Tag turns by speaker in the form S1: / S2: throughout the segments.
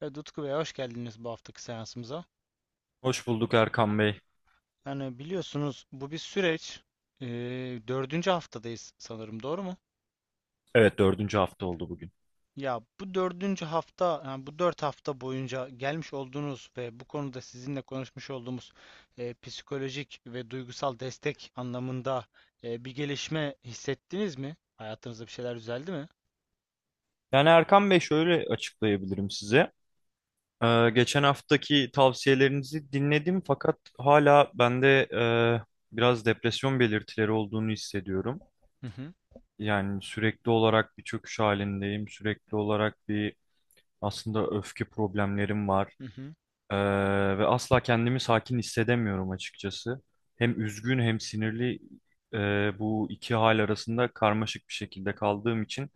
S1: Evet, Utku Bey hoş geldiniz bu haftaki seansımıza.
S2: Hoş bulduk Erkan Bey.
S1: Yani biliyorsunuz bu bir süreç. Ee, dördüncü haftadayız sanırım doğru mu?
S2: Evet dördüncü hafta oldu bugün.
S1: Ya bu dördüncü hafta, yani bu 4 hafta boyunca gelmiş olduğunuz ve bu konuda sizinle konuşmuş olduğumuz psikolojik ve duygusal destek anlamında bir gelişme hissettiniz mi? Hayatınızda bir şeyler düzeldi mi?
S2: Yani Erkan Bey şöyle açıklayabilirim size. Geçen haftaki tavsiyelerinizi dinledim fakat hala bende e, biraz depresyon belirtileri olduğunu hissediyorum.
S1: Hı hı.
S2: Yani sürekli olarak bir çöküş halindeyim. Sürekli olarak aslında öfke problemlerim var.
S1: Hı hı.
S2: Ee, ve asla kendimi sakin hissedemiyorum açıkçası. Hem üzgün hem sinirli, e, bu iki hal arasında karmaşık bir şekilde kaldığım için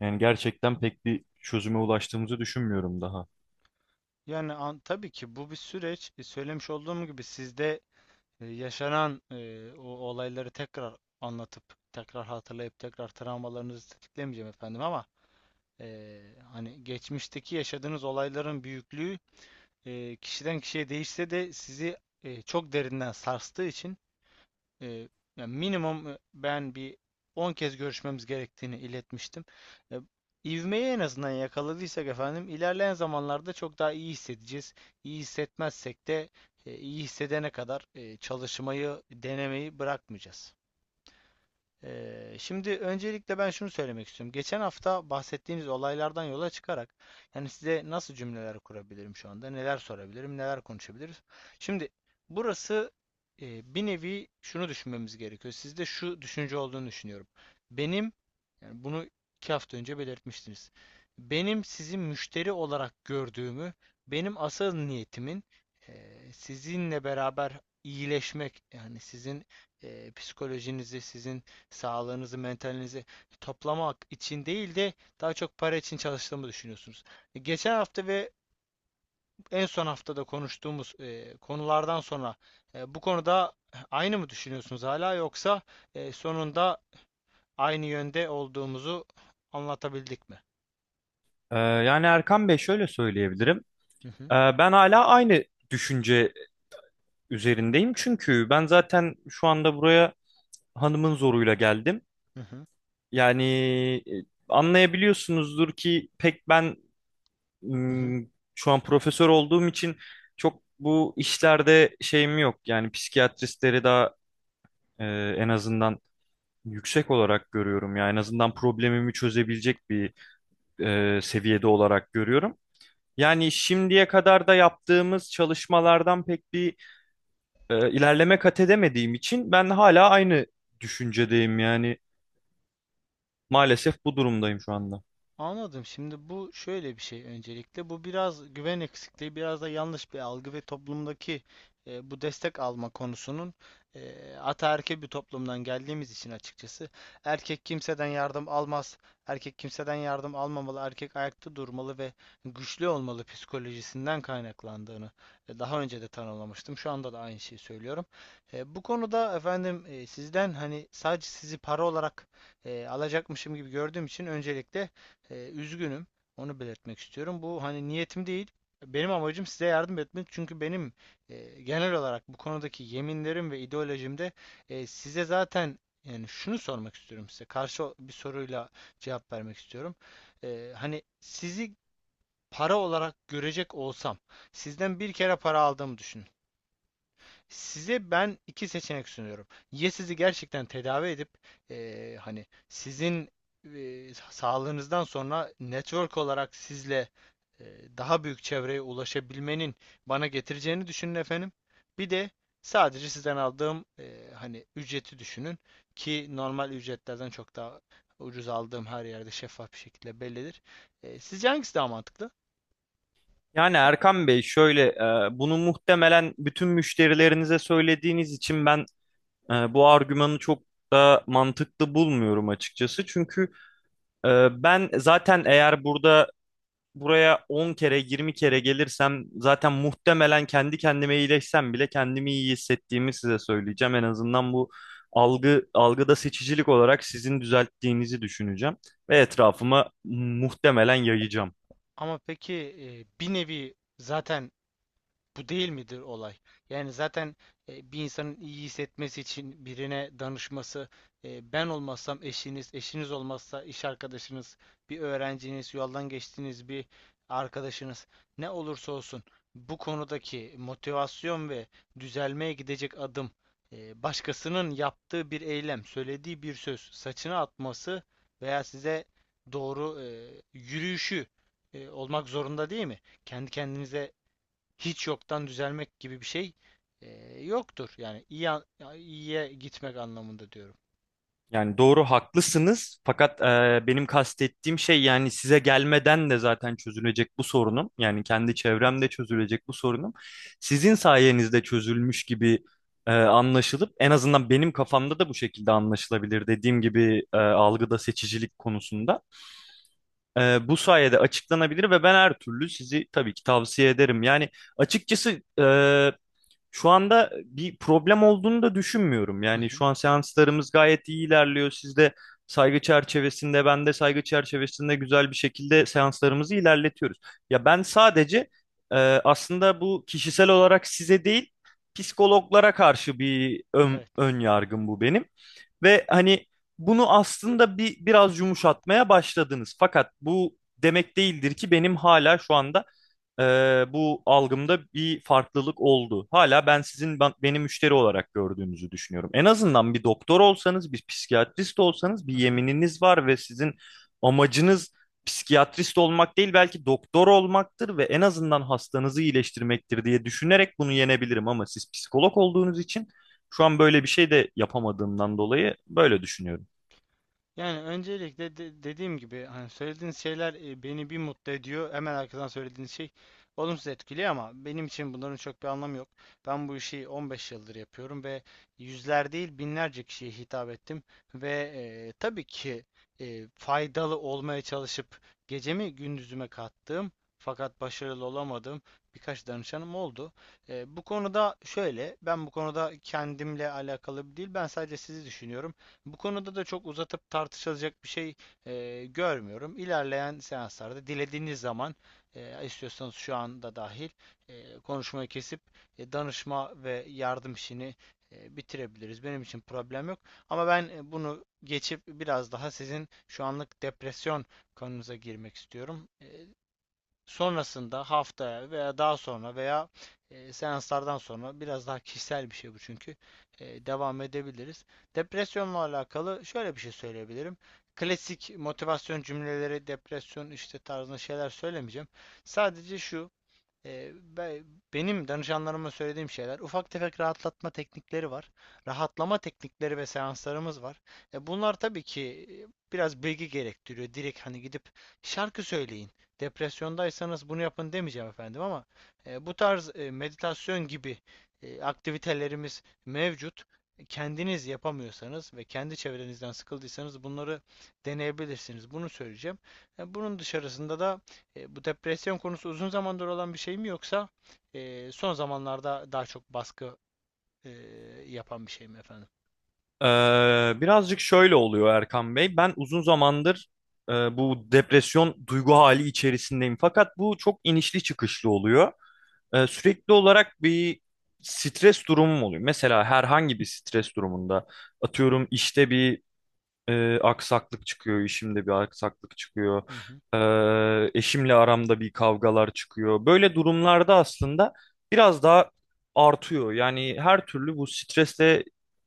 S2: yani gerçekten pek bir çözüme ulaştığımızı düşünmüyorum daha.
S1: Yani tabii ki bu bir süreç. Söylemiş olduğum gibi sizde yaşanan o olayları tekrar anlatıp tekrar hatırlayıp tekrar travmalarınızı tetiklemeyeceğim efendim ama e, hani geçmişteki yaşadığınız olayların büyüklüğü kişiden kişiye değişse de sizi çok derinden sarstığı için e, yani minimum ben bir 10 kez görüşmemiz gerektiğini iletmiştim. E, ivmeyi en azından yakaladıysak efendim ilerleyen zamanlarda çok daha iyi hissedeceğiz. İyi hissetmezsek de iyi hissedene kadar çalışmayı, denemeyi bırakmayacağız. Şimdi öncelikle ben şunu söylemek istiyorum. Geçen hafta bahsettiğiniz olaylardan yola çıkarak yani size nasıl cümleler kurabilirim şu anda, neler sorabilirim, neler konuşabiliriz. Şimdi burası bir nevi şunu düşünmemiz gerekiyor. Sizde şu düşünce olduğunu düşünüyorum. Benim yani bunu 2 hafta önce belirtmiştiniz. Benim sizi müşteri olarak gördüğümü, benim asıl niyetimin sizinle beraber iyileşmek yani sizin psikolojinizi, sizin sağlığınızı, mentalinizi toplamak için değil de daha çok para için çalıştığımı düşünüyorsunuz. Geçen hafta ve en son haftada konuştuğumuz konulardan sonra bu konuda aynı mı düşünüyorsunuz hala yoksa sonunda aynı yönde olduğumuzu anlatabildik mi?
S2: Yani Erkan Bey şöyle söyleyebilirim.
S1: Hı hı.
S2: Ben hala aynı düşünce üzerindeyim. Çünkü ben zaten şu anda buraya hanımın zoruyla geldim.
S1: Hı hı.
S2: Yani anlayabiliyorsunuzdur ki pek
S1: Hı hı.
S2: şu an profesör olduğum için çok bu işlerde şeyim yok. Yani psikiyatristleri daha e, en azından yüksek olarak görüyorum. Yani en azından problemimi çözebilecek bir seviyede olarak görüyorum. Yani şimdiye kadar da yaptığımız çalışmalardan pek bir ilerleme kat edemediğim için ben hala aynı düşüncedeyim, yani maalesef bu durumdayım şu anda.
S1: Anladım. Şimdi bu şöyle bir şey öncelikle. Bu biraz güven eksikliği, biraz da yanlış bir algı ve toplumdaki bu destek alma konusunun ataerkil bir toplumdan geldiğimiz için açıkçası. Erkek kimseden yardım almaz. Erkek kimseden yardım almamalı. Erkek ayakta durmalı ve güçlü olmalı psikolojisinden kaynaklandığını daha önce de tanımlamıştım. Şu anda da aynı şeyi söylüyorum. Bu konuda efendim sizden hani sadece sizi para olarak alacakmışım gibi gördüğüm için öncelikle üzgünüm. Onu belirtmek istiyorum. Bu hani niyetim değil. Benim amacım size yardım etmek. Çünkü benim genel olarak bu konudaki yeminlerim ve ideolojimde size zaten yani şunu sormak istiyorum size. Karşı bir soruyla cevap vermek istiyorum. Hani sizi para olarak görecek olsam, sizden bir kere para aldığımı düşün. Size ben iki seçenek sunuyorum. Ya sizi gerçekten tedavi edip hani sizin eee, sağlığınızdan sonra network olarak sizle daha büyük çevreye ulaşabilmenin bana getireceğini düşünün efendim. Bir de sadece sizden aldığım hani ücreti düşünün ki normal ücretlerden çok daha ucuz aldığım her yerde şeffaf bir şekilde bellidir. Sizce hangisi daha mantıklı?
S2: Yani Erkan Bey, şöyle bunu muhtemelen bütün müşterilerinize söylediğiniz için ben bu argümanı çok da mantıklı bulmuyorum açıkçası. Çünkü e, ben zaten eğer buraya 10 kere 20 kere gelirsem zaten muhtemelen kendi kendime iyileşsem bile kendimi iyi hissettiğimi size söyleyeceğim. En azından bu algıda seçicilik olarak sizin düzelttiğinizi düşüneceğim ve etrafıma muhtemelen yayacağım.
S1: Ama peki bir nevi zaten bu değil midir olay? Yani zaten bir insanın iyi hissetmesi için birine danışması, ben olmazsam eşiniz, eşiniz olmazsa iş arkadaşınız, bir öğrenciniz, yoldan geçtiğiniz bir arkadaşınız, ne olursa olsun bu konudaki motivasyon ve düzelmeye gidecek adım, başkasının yaptığı bir eylem, söylediği bir söz, saçını atması veya size doğru yürüyüşü olmak zorunda değil mi? Kendi kendinize hiç yoktan düzelmek gibi bir şey e, yoktur. Yani iyiye gitmek anlamında diyorum.
S2: Yani doğru, haklısınız, fakat benim kastettiğim şey, yani size gelmeden de zaten çözülecek bu sorunum. Yani kendi çevremde çözülecek bu sorunum. Sizin sayenizde çözülmüş gibi anlaşılıp en azından benim kafamda da bu şekilde anlaşılabilir, dediğim gibi, algıda seçicilik konusunda. E, bu sayede açıklanabilir ve ben her türlü sizi tabii ki tavsiye ederim. Yani açıkçası şu anda bir problem olduğunu da düşünmüyorum.
S1: Hı
S2: Yani
S1: hı.
S2: şu an seanslarımız gayet iyi ilerliyor. Siz de saygı çerçevesinde, ben de saygı çerçevesinde güzel bir şekilde seanslarımızı ilerletiyoruz. Ya ben sadece e, aslında bu kişisel olarak size değil, psikologlara karşı bir ön,
S1: Evet.
S2: ön yargım bu benim. Ve hani bunu aslında biraz yumuşatmaya başladınız. Fakat bu demek değildir ki benim hala şu anda e, bu algımda bir farklılık oldu. Hala ben sizin beni müşteri olarak gördüğünüzü düşünüyorum. En azından bir doktor olsanız, bir psikiyatrist olsanız, bir
S1: Hı hı.
S2: yemininiz var ve sizin amacınız psikiyatrist olmak değil belki doktor olmaktır ve en azından hastanızı iyileştirmektir diye düşünerek bunu yenebilirim ama siz psikolog olduğunuz için şu an böyle bir şey de yapamadığımdan dolayı böyle düşünüyorum.
S1: Yani öncelikle dediğim gibi hani söylediğiniz şeyler beni bir mutlu ediyor. Hemen arkadan söylediğiniz şey olumsuz etkiliyor ama benim için bunların çok bir anlamı yok. Ben bu işi 15 yıldır yapıyorum ve yüzler değil binlerce kişiye hitap ettim ve tabii ki faydalı olmaya çalışıp gecemi gündüzüme kattığım fakat başarılı olamadığım birkaç danışanım oldu. Bu konuda şöyle, ben bu konuda kendimle alakalı değil, ben sadece sizi düşünüyorum. Bu konuda da çok uzatıp tartışılacak bir şey görmüyorum. İlerleyen seanslarda dilediğiniz zaman istiyorsanız şu anda dahil konuşmayı kesip danışma ve yardım işini bitirebiliriz. Benim için problem yok. Ama ben bunu geçip biraz daha sizin şu anlık depresyon konunuza girmek istiyorum. Sonrasında haftaya veya daha sonra veya seanslardan sonra biraz daha kişisel bir şey bu çünkü devam edebiliriz. Depresyonla alakalı şöyle bir şey söyleyebilirim. Klasik motivasyon cümleleri, depresyon işte tarzında şeyler söylemeyeceğim. Sadece şu ee, benim danışanlarıma söylediğim şeyler ufak tefek rahatlatma teknikleri var. Rahatlama teknikleri ve seanslarımız var. Bunlar tabii ki biraz bilgi gerektiriyor. Direkt hani gidip şarkı söyleyin. Depresyondaysanız bunu yapın demeyeceğim efendim ama bu tarz meditasyon gibi aktivitelerimiz mevcut. Kendiniz yapamıyorsanız ve kendi çevrenizden sıkıldıysanız bunları deneyebilirsiniz. Bunu söyleyeceğim. Bunun dışarısında da bu depresyon konusu uzun zamandır olan bir şey mi yoksa son zamanlarda daha çok baskı e, yapan bir şey mi efendim?
S2: Birazcık şöyle oluyor Erkan Bey. Ben uzun zamandır bu depresyon duygu hali içerisindeyim. Fakat bu çok inişli çıkışlı oluyor. Sürekli olarak bir stres durumum oluyor. Mesela herhangi bir stres durumunda, atıyorum işte, bir aksaklık çıkıyor, işimde bir aksaklık çıkıyor.
S1: Hı hı.
S2: E, eşimle aramda bir kavgalar çıkıyor. Böyle durumlarda aslında biraz daha artıyor. Yani her türlü bu stresle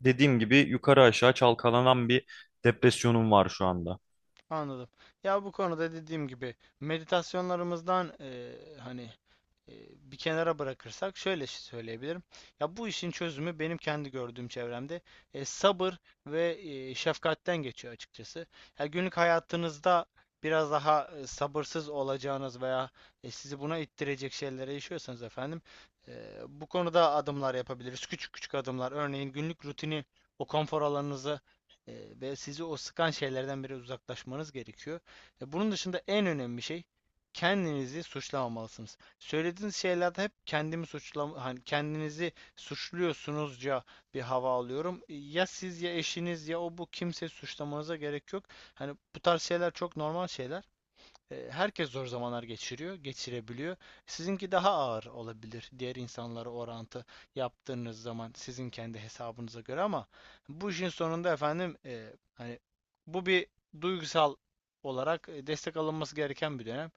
S2: dediğim gibi yukarı aşağı çalkalanan bir depresyonum var şu anda.
S1: Anladım. Ya bu konuda dediğim gibi meditasyonlarımızdan hani e, bir kenara bırakırsak şöyle şey söyleyebilirim. Ya bu işin çözümü benim kendi gördüğüm çevremde sabır ve şefkatten geçiyor açıkçası. Ya günlük hayatınızda biraz daha sabırsız olacağınız veya sizi buna ittirecek şeylere yaşıyorsanız efendim bu konuda adımlar yapabiliriz. Küçük küçük adımlar. Örneğin günlük rutini, o konfor alanınızı e, ve sizi o sıkan şeylerden biri uzaklaşmanız gerekiyor. Bunun dışında en önemli şey kendinizi suçlamamalısınız. Söylediğiniz şeylerde hep kendimi suçlama, hani kendinizi suçluyorsunuzca bir hava alıyorum. Ya siz ya eşiniz ya o bu kimseyi suçlamanıza gerek yok. Hani bu tarz şeyler çok normal şeyler. Herkes zor zamanlar geçiriyor, geçirebiliyor. Sizinki daha ağır olabilir diğer insanlara orantı yaptığınız zaman sizin kendi hesabınıza göre ama bu işin sonunda efendim hani bu bir duygusal olarak destek alınması gereken bir dönem.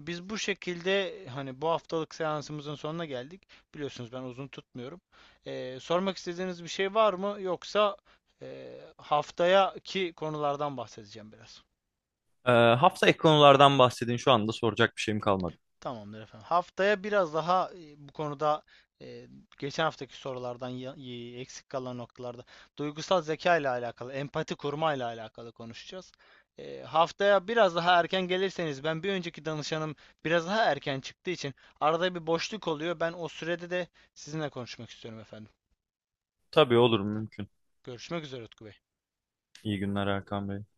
S1: Biz bu şekilde hani bu haftalık seansımızın sonuna geldik. Biliyorsunuz ben uzun tutmuyorum. Sormak istediğiniz bir şey var mı? Yoksa haftaya ki konulardan bahsedeceğim biraz.
S2: E, hafta ek konulardan bahsedin. Şu anda soracak bir şeyim kalmadı.
S1: Tamamdır efendim. Haftaya biraz daha bu konuda e, geçen haftaki sorulardan eksik kalan noktalarda duygusal zeka ile alakalı, empati kurma ile alakalı konuşacağız. Haftaya biraz daha erken gelirseniz ben bir önceki danışanım biraz daha erken çıktığı için arada bir boşluk oluyor. Ben o sürede de sizinle konuşmak istiyorum efendim.
S2: Tabii, olur, mümkün.
S1: Görüşmek üzere Utku Bey.
S2: İyi günler Erkan Bey.